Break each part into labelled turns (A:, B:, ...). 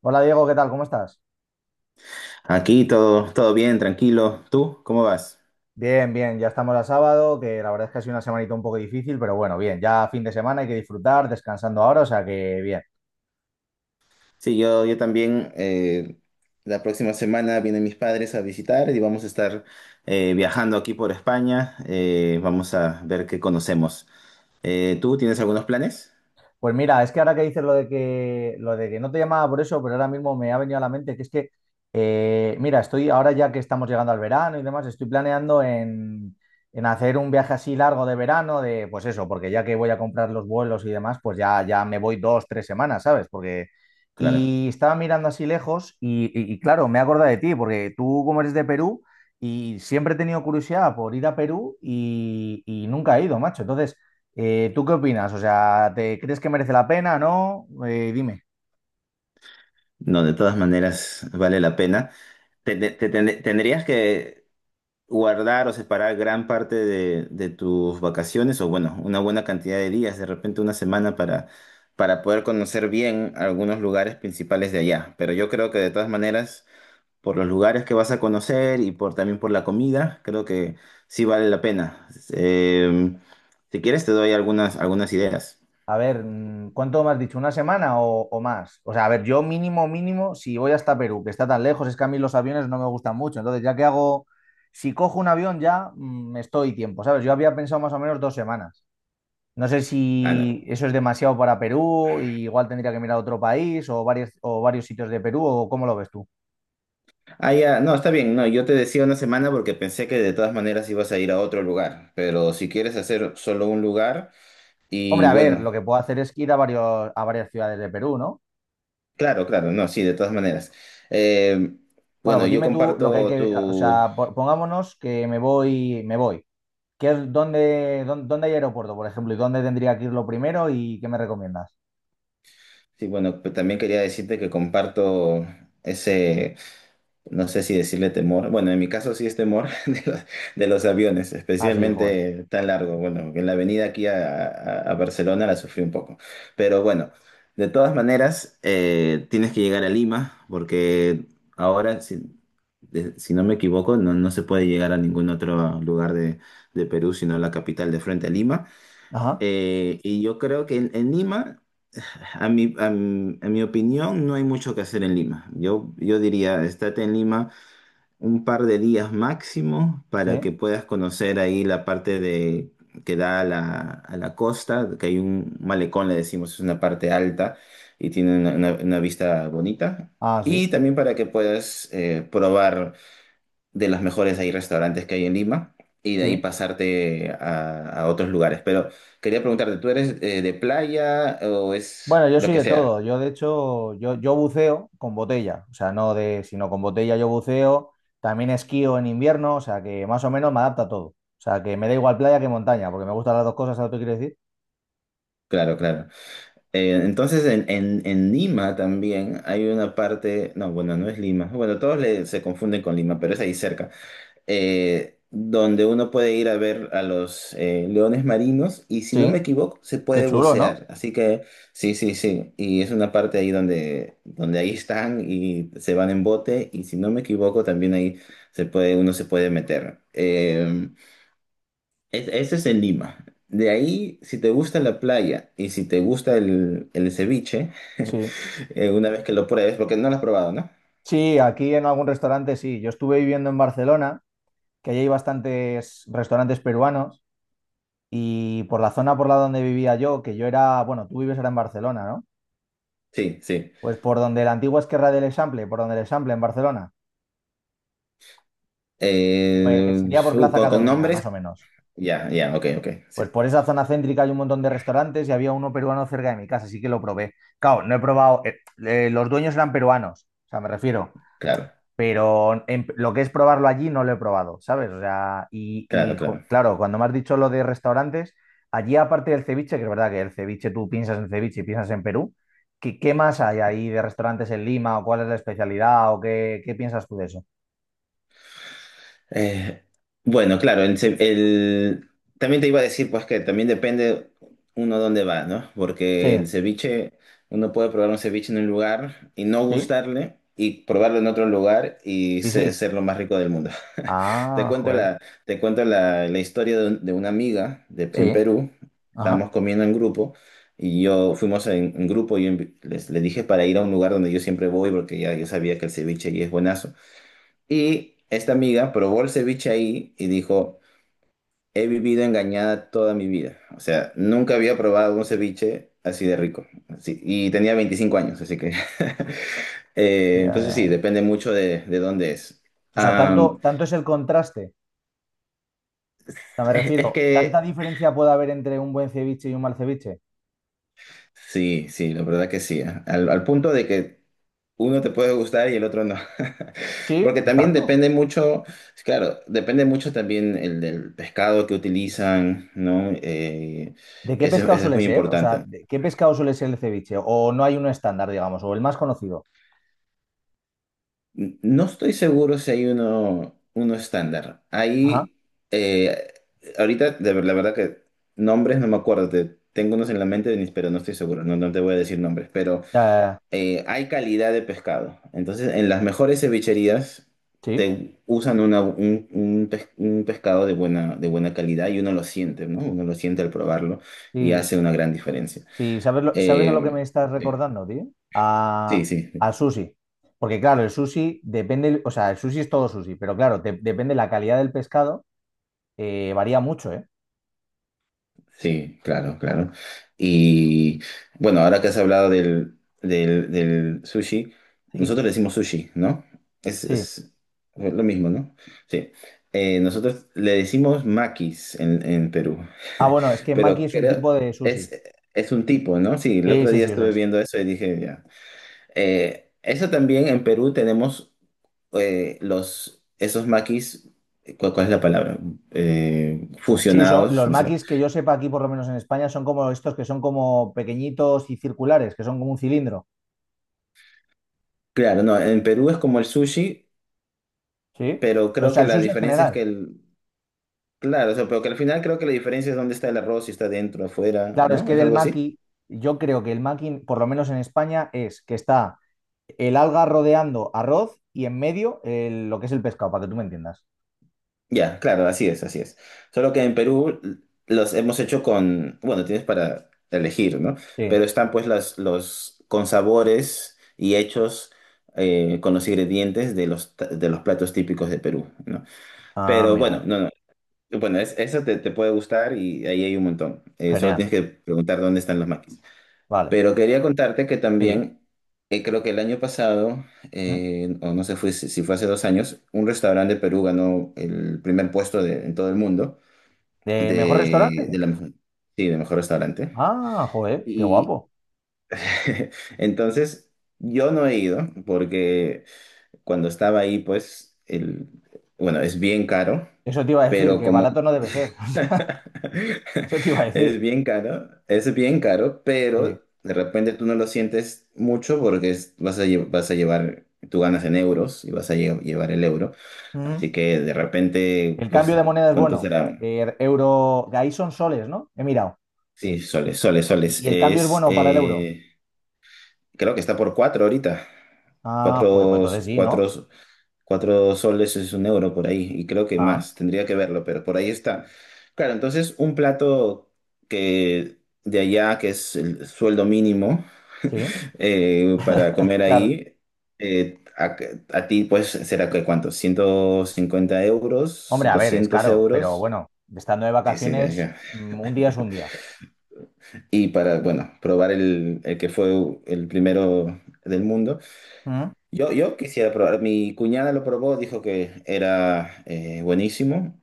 A: Hola Diego, ¿qué tal? ¿Cómo estás?
B: Aquí todo bien, tranquilo. ¿Tú cómo vas?
A: Bien, bien, ya estamos a sábado, que la verdad es que ha sido una semanita un poco difícil, pero bueno, bien, ya fin de semana hay que disfrutar, descansando ahora, o sea que bien.
B: Sí, yo también. La próxima semana vienen mis padres a visitar y vamos a estar viajando aquí por España. Vamos a ver qué conocemos. ¿Tú tienes algunos planes?
A: Pues mira, es que ahora que dices lo de que no te llamaba por eso, pero ahora mismo me ha venido a la mente que es que, mira, estoy ahora ya que estamos llegando al verano y demás, estoy planeando en hacer un viaje así largo de verano, de pues eso, porque ya que voy a comprar los vuelos y demás, pues ya, ya me voy dos, tres semanas, ¿sabes? Porque,
B: Claro.
A: y estaba mirando así lejos y claro, me he acordado de ti, porque tú como eres de Perú y siempre he tenido curiosidad por ir a Perú y nunca he ido, macho. Entonces... ¿tú qué opinas? O sea, ¿te crees que merece la pena? ¿No? Dime.
B: No, de todas maneras vale la pena. Tendrías que guardar o separar gran parte de tus vacaciones o bueno, una buena cantidad de días, de repente una semana para poder conocer bien algunos lugares principales de allá. Pero yo creo que de todas maneras, por los lugares que vas a conocer y por también por la comida, creo que sí vale la pena. Si quieres te doy algunas ideas.
A: A ver, ¿cuánto me has dicho? ¿Una semana o más? O sea, a ver, yo mínimo, mínimo, si voy hasta Perú, que está tan lejos, es que a mí los aviones no me gustan mucho. Entonces, ya que hago, si cojo un avión ya me estoy tiempo, ¿sabes? Yo había pensado más o menos dos semanas. No sé
B: Ah,
A: si
B: no.
A: eso es demasiado para Perú, y igual tendría que mirar otro país o varios sitios de Perú, o cómo lo ves tú.
B: Ah, ya, no, está bien. No, yo te decía una semana porque pensé que de todas maneras ibas a ir a otro lugar. Pero si quieres hacer solo un lugar,
A: Hombre,
B: y
A: a ver, lo
B: bueno,
A: que puedo hacer es ir a varios, a varias ciudades de Perú, ¿no?
B: claro, claro, no, sí, de todas maneras. Eh,
A: Bueno,
B: bueno,
A: pues
B: yo
A: dime tú lo que hay
B: comparto
A: que, o
B: tu,
A: sea, pongámonos que me voy, me voy. ¿Qué es- dónde, dónde, dónde hay aeropuerto, por ejemplo? ¿Y dónde tendría que ir lo primero y qué me recomiendas?
B: sí, bueno, pues también quería decirte que comparto ese, no sé si decirle temor, bueno, en mi caso sí es temor de los aviones,
A: Ah, sí, joder.
B: especialmente tan largo. Bueno, en la avenida aquí a Barcelona la sufrí un poco, pero bueno, de todas maneras tienes que llegar a Lima porque ahora, si no me equivoco, no, no se puede llegar a ningún otro lugar de Perú, sino a la capital de frente a Lima.
A: Ajá,
B: Y yo creo que en Lima, a mi opinión, no hay mucho que hacer en Lima. Yo diría, estate en Lima un par de días máximo para
A: sí.
B: que puedas conocer ahí la parte de que da a la costa, que hay un malecón, le decimos, es una parte alta y tiene una vista bonita.
A: Ah, sí,
B: Y también para que puedas probar de los mejores ahí restaurantes que hay en Lima y de ahí
A: sí.
B: pasarte a otros lugares. Pero quería preguntarte, ¿tú eres de playa o es
A: Bueno, yo
B: lo
A: soy
B: que
A: de
B: sea?
A: todo. Yo, de hecho, yo buceo con botella. O sea, no de, sino con botella yo buceo. También esquío en invierno, o sea, que más o menos me adapta a todo. O sea, que me da igual playa que montaña, porque me gustan las dos cosas, ¿sabes lo que quiero decir?
B: Claro, claro. Entonces en Lima también hay una parte, no, bueno, no es Lima, bueno, todos se confunden con Lima, pero es ahí cerca, donde uno puede ir a ver a los leones marinos y si no me
A: Sí,
B: equivoco se
A: qué
B: puede
A: chulo, ¿no?
B: bucear, así que sí, sí, sí, y es una parte ahí donde, donde ahí están y se van en bote y si no me equivoco también ahí uno se puede meter. Ese es en Lima. De ahí, si te gusta la playa y si te gusta el ceviche,
A: Sí.
B: una vez que lo pruebes, porque no lo has probado, ¿no?
A: Sí, aquí en algún restaurante sí. Yo estuve viviendo en Barcelona, que allí hay bastantes restaurantes peruanos, y por la zona por la donde vivía yo, que yo era, bueno, tú vives ahora en Barcelona, ¿no?
B: Sí, sí.
A: Pues por donde la antigua Esquerra del Example, por donde el Example en Barcelona, pues
B: Eh,
A: sería por
B: uh,
A: Plaza
B: con, con
A: Cataluña, más o
B: nombres,
A: menos.
B: ya, ya, ok, ok, sí.
A: Pues por esa zona céntrica hay un montón de restaurantes y había uno peruano cerca de mi casa, así que lo probé. Claro, no he probado, los dueños eran peruanos, o sea, me refiero.
B: Claro,
A: Pero lo que es probarlo allí no lo he probado, ¿sabes? O sea,
B: claro, claro.
A: claro, cuando me has dicho lo de restaurantes, allí aparte del ceviche, que es verdad que el ceviche, tú piensas en ceviche y piensas en Perú, ¿qué, qué más hay ahí de restaurantes en Lima o cuál es la especialidad o qué, qué piensas tú de eso?
B: Eh, bueno, claro, también te iba a decir pues que también depende uno dónde va, ¿no? Porque el
A: Sí,
B: ceviche, uno puede probar un ceviche en un lugar y no
A: sí,
B: gustarle y probarlo en otro lugar y
A: y sí.
B: ser lo más rico del mundo. Te
A: Ah,
B: cuento
A: joder,
B: la, la historia de una amiga en
A: sí,
B: Perú. Estábamos
A: ajá.
B: comiendo en grupo y yo fuimos en grupo y yo le dije para ir a un lugar donde yo siempre voy porque ya yo sabía que el ceviche ahí es buenazo. Y esta amiga probó el ceviche ahí y dijo, he vivido engañada toda mi vida. O sea, nunca había probado un ceviche así de rico. Y tenía 25 años, así que...
A: Ya,
B: Entonces
A: ya,
B: sí,
A: ya.
B: depende mucho de dónde es.
A: O sea, tanto,
B: Am,
A: tanto es el contraste. O sea, me
B: es
A: refiero, ¿tanta
B: que
A: diferencia puede haber entre un buen ceviche y un mal ceviche?
B: sí, sí, la verdad que sí. ¿Eh? Al punto de que uno te puede gustar y el otro no.
A: Sí,
B: Porque también
A: tanto.
B: depende mucho, claro, depende mucho también el del pescado que utilizan, ¿no? Eh,
A: ¿De qué
B: eso,
A: pescado
B: eso es
A: suele
B: muy
A: ser? O sea,
B: importante.
A: ¿de ¿qué pescado suele ser el ceviche? ¿O no hay uno estándar, digamos, o el más conocido?
B: No estoy seguro si hay uno estándar.
A: Ajá.
B: Eh, Ahorita, la verdad que nombres no me acuerdo, tengo unos en la mente, Denis, pero no estoy seguro, no, no te voy a decir nombres, pero...
A: Ya,
B: Hay calidad de pescado. Entonces, en las mejores cevicherías
A: sí,
B: te usan un pescado de buena calidad y uno lo siente, ¿no? Uno lo siente al probarlo y
A: sí,
B: hace una gran diferencia.
A: sí. ¿Sabes, sabes a lo que me
B: Eh,
A: estás recordando, tío?
B: sí,
A: A,
B: sí.
A: al sushi. Porque claro, el sushi depende, o sea, el sushi es todo sushi, pero claro, depende la calidad del pescado, varía mucho, ¿eh?
B: Sí, claro, claro. Y bueno, ahora que has hablado del sushi,
A: Sí,
B: nosotros le decimos sushi, ¿no? Es,
A: sí.
B: es lo mismo, ¿no? Sí. Nosotros le decimos maquis en Perú,
A: Ah, bueno, es que maki
B: pero
A: es un
B: creo,
A: tipo de sushi.
B: es, es un tipo, ¿no? Sí, el
A: Sí,
B: otro
A: sí,
B: día
A: sí, eso
B: estuve
A: es.
B: viendo eso y dije, ya. Eso también en Perú tenemos esos maquis, ¿cuál es la palabra?
A: Sí, son
B: Fusionados,
A: los
B: no sé.
A: makis que yo sepa aquí, por lo menos en España, son como estos que son como pequeñitos y circulares, que son como un cilindro.
B: Claro, no, en Perú es como el sushi,
A: Sí.
B: pero
A: O
B: creo
A: sea,
B: que
A: el
B: la
A: sushi en
B: diferencia es
A: general.
B: que el, claro, o sea, pero que al final creo que la diferencia es dónde está el arroz, si está dentro, afuera,
A: Claro, es
B: ¿no?
A: que
B: ¿Es
A: del
B: algo así?
A: maki, yo creo que el maki, por lo menos en España, es que está el alga rodeando arroz y en medio lo que es el pescado, para que tú me entiendas.
B: Ya, claro, así es, así es. Solo que en Perú los hemos hecho con, bueno, tienes para elegir, ¿no?
A: Sí.
B: Pero están pues los con sabores y hechos con los ingredientes de los platos típicos de Perú, ¿no?
A: Ah,
B: Pero bueno,
A: amigo.
B: no, no. Bueno, eso te puede gustar y ahí hay un montón. Solo
A: Genial.
B: tienes que preguntar dónde están los maquis.
A: Vale.
B: Pero quería contarte que
A: Sí.
B: también, creo que el año pasado,
A: ¿Mm?
B: o no sé fue, si fue hace 2 años, un restaurante de Perú ganó el primer puesto en todo el mundo
A: ¿De mejor
B: de
A: restaurante?
B: la mejor, sí, de mejor restaurante.
A: Ah, joder, qué guapo.
B: Y entonces yo no he ido porque cuando estaba ahí, pues, el, bueno, es bien caro,
A: Eso te iba a decir,
B: pero
A: que
B: como
A: barato no debe ser. Eso te iba a
B: es
A: decir.
B: bien caro, es bien caro,
A: Sí.
B: pero de repente tú no lo sientes mucho porque vas a llevar, tú ganas en euros y vas a llevar el euro.
A: Mm.
B: Así que de repente,
A: ¿El
B: pues,
A: cambio de moneda es
B: ¿cuánto
A: bueno?
B: será?
A: Euro, ahí son soles, ¿no? He mirado.
B: Sí, soles, soles,
A: ¿Y,
B: soles.
A: y el cambio es bueno para el euro?
B: Creo que está por cuatro ahorita.
A: Ah, joder, pues
B: Cuatro,
A: entonces sí, ¿no?
B: cuatro. 4 soles es un euro por ahí, y creo que
A: Ah,
B: más, tendría que verlo, pero por ahí está. Claro, entonces un plato que de allá, que es el sueldo mínimo
A: sí,
B: para comer
A: claro.
B: ahí, eh, a, a ti pues será que cuánto, 150 euros,
A: Hombre, a ver, es
B: 200
A: caro, pero
B: euros.
A: bueno, estando de
B: Sí, sí,
A: vacaciones,
B: ya.
A: un día es un día.
B: Y para, bueno, probar el que fue el primero del mundo.
A: ¿Mm?
B: Yo quisiera probar, mi cuñada lo probó, dijo que era buenísimo.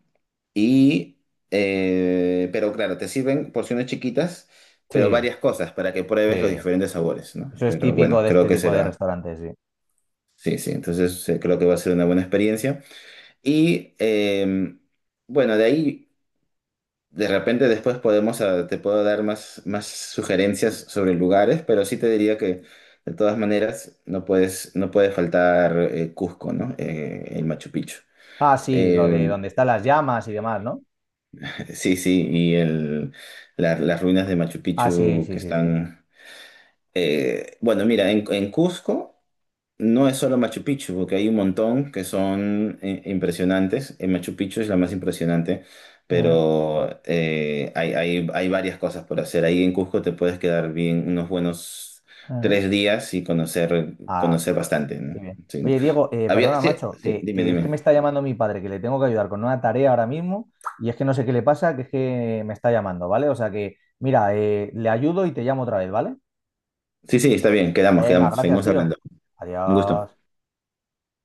B: Y, pero claro, te sirven porciones chiquitas, pero
A: Sí,
B: varias cosas para que pruebes los
A: sí.
B: diferentes sabores, ¿no?
A: Eso es
B: Pero
A: típico
B: bueno,
A: de
B: creo
A: este
B: que
A: tipo de
B: será.
A: restaurantes, sí.
B: Sí, sí, entonces creo que va a ser una buena experiencia. Y eh, bueno, de ahí, de repente después podemos, ah, te puedo dar más sugerencias sobre lugares, pero sí te diría que de todas maneras no puede faltar Cusco, ¿no? El Machu Picchu.
A: Ah, sí, lo de
B: Eh,
A: donde están las llamas y demás, ¿no?
B: Sí, sí, y las ruinas de Machu
A: Ah, sí,
B: Picchu
A: sí,
B: que
A: sí, sí.
B: están... Bueno, mira, en Cusco no es solo Machu Picchu, porque hay un montón que son impresionantes. En Machu Picchu es la más impresionante,
A: Ah,
B: pero hay varias cosas por hacer. Ahí en Cusco te puedes quedar bien unos buenos
A: ah.
B: 3 días y
A: Ah,
B: conocer bastante,
A: qué
B: ¿no?
A: bien.
B: Sí.
A: Oye, Diego,
B: Había,
A: perdona,
B: sí,
A: macho,
B: sí, dime,
A: que es que me
B: dime.
A: está llamando mi padre, que le tengo que ayudar con una tarea ahora mismo, y es que no sé qué le pasa, que es que me está llamando, ¿vale? O sea que, mira, le ayudo y te llamo otra vez, ¿vale?
B: Sí, sí, está bien, quedamos,
A: Venga,
B: quedamos,
A: gracias,
B: seguimos
A: tío.
B: hablando. Un gusto.
A: Adiós.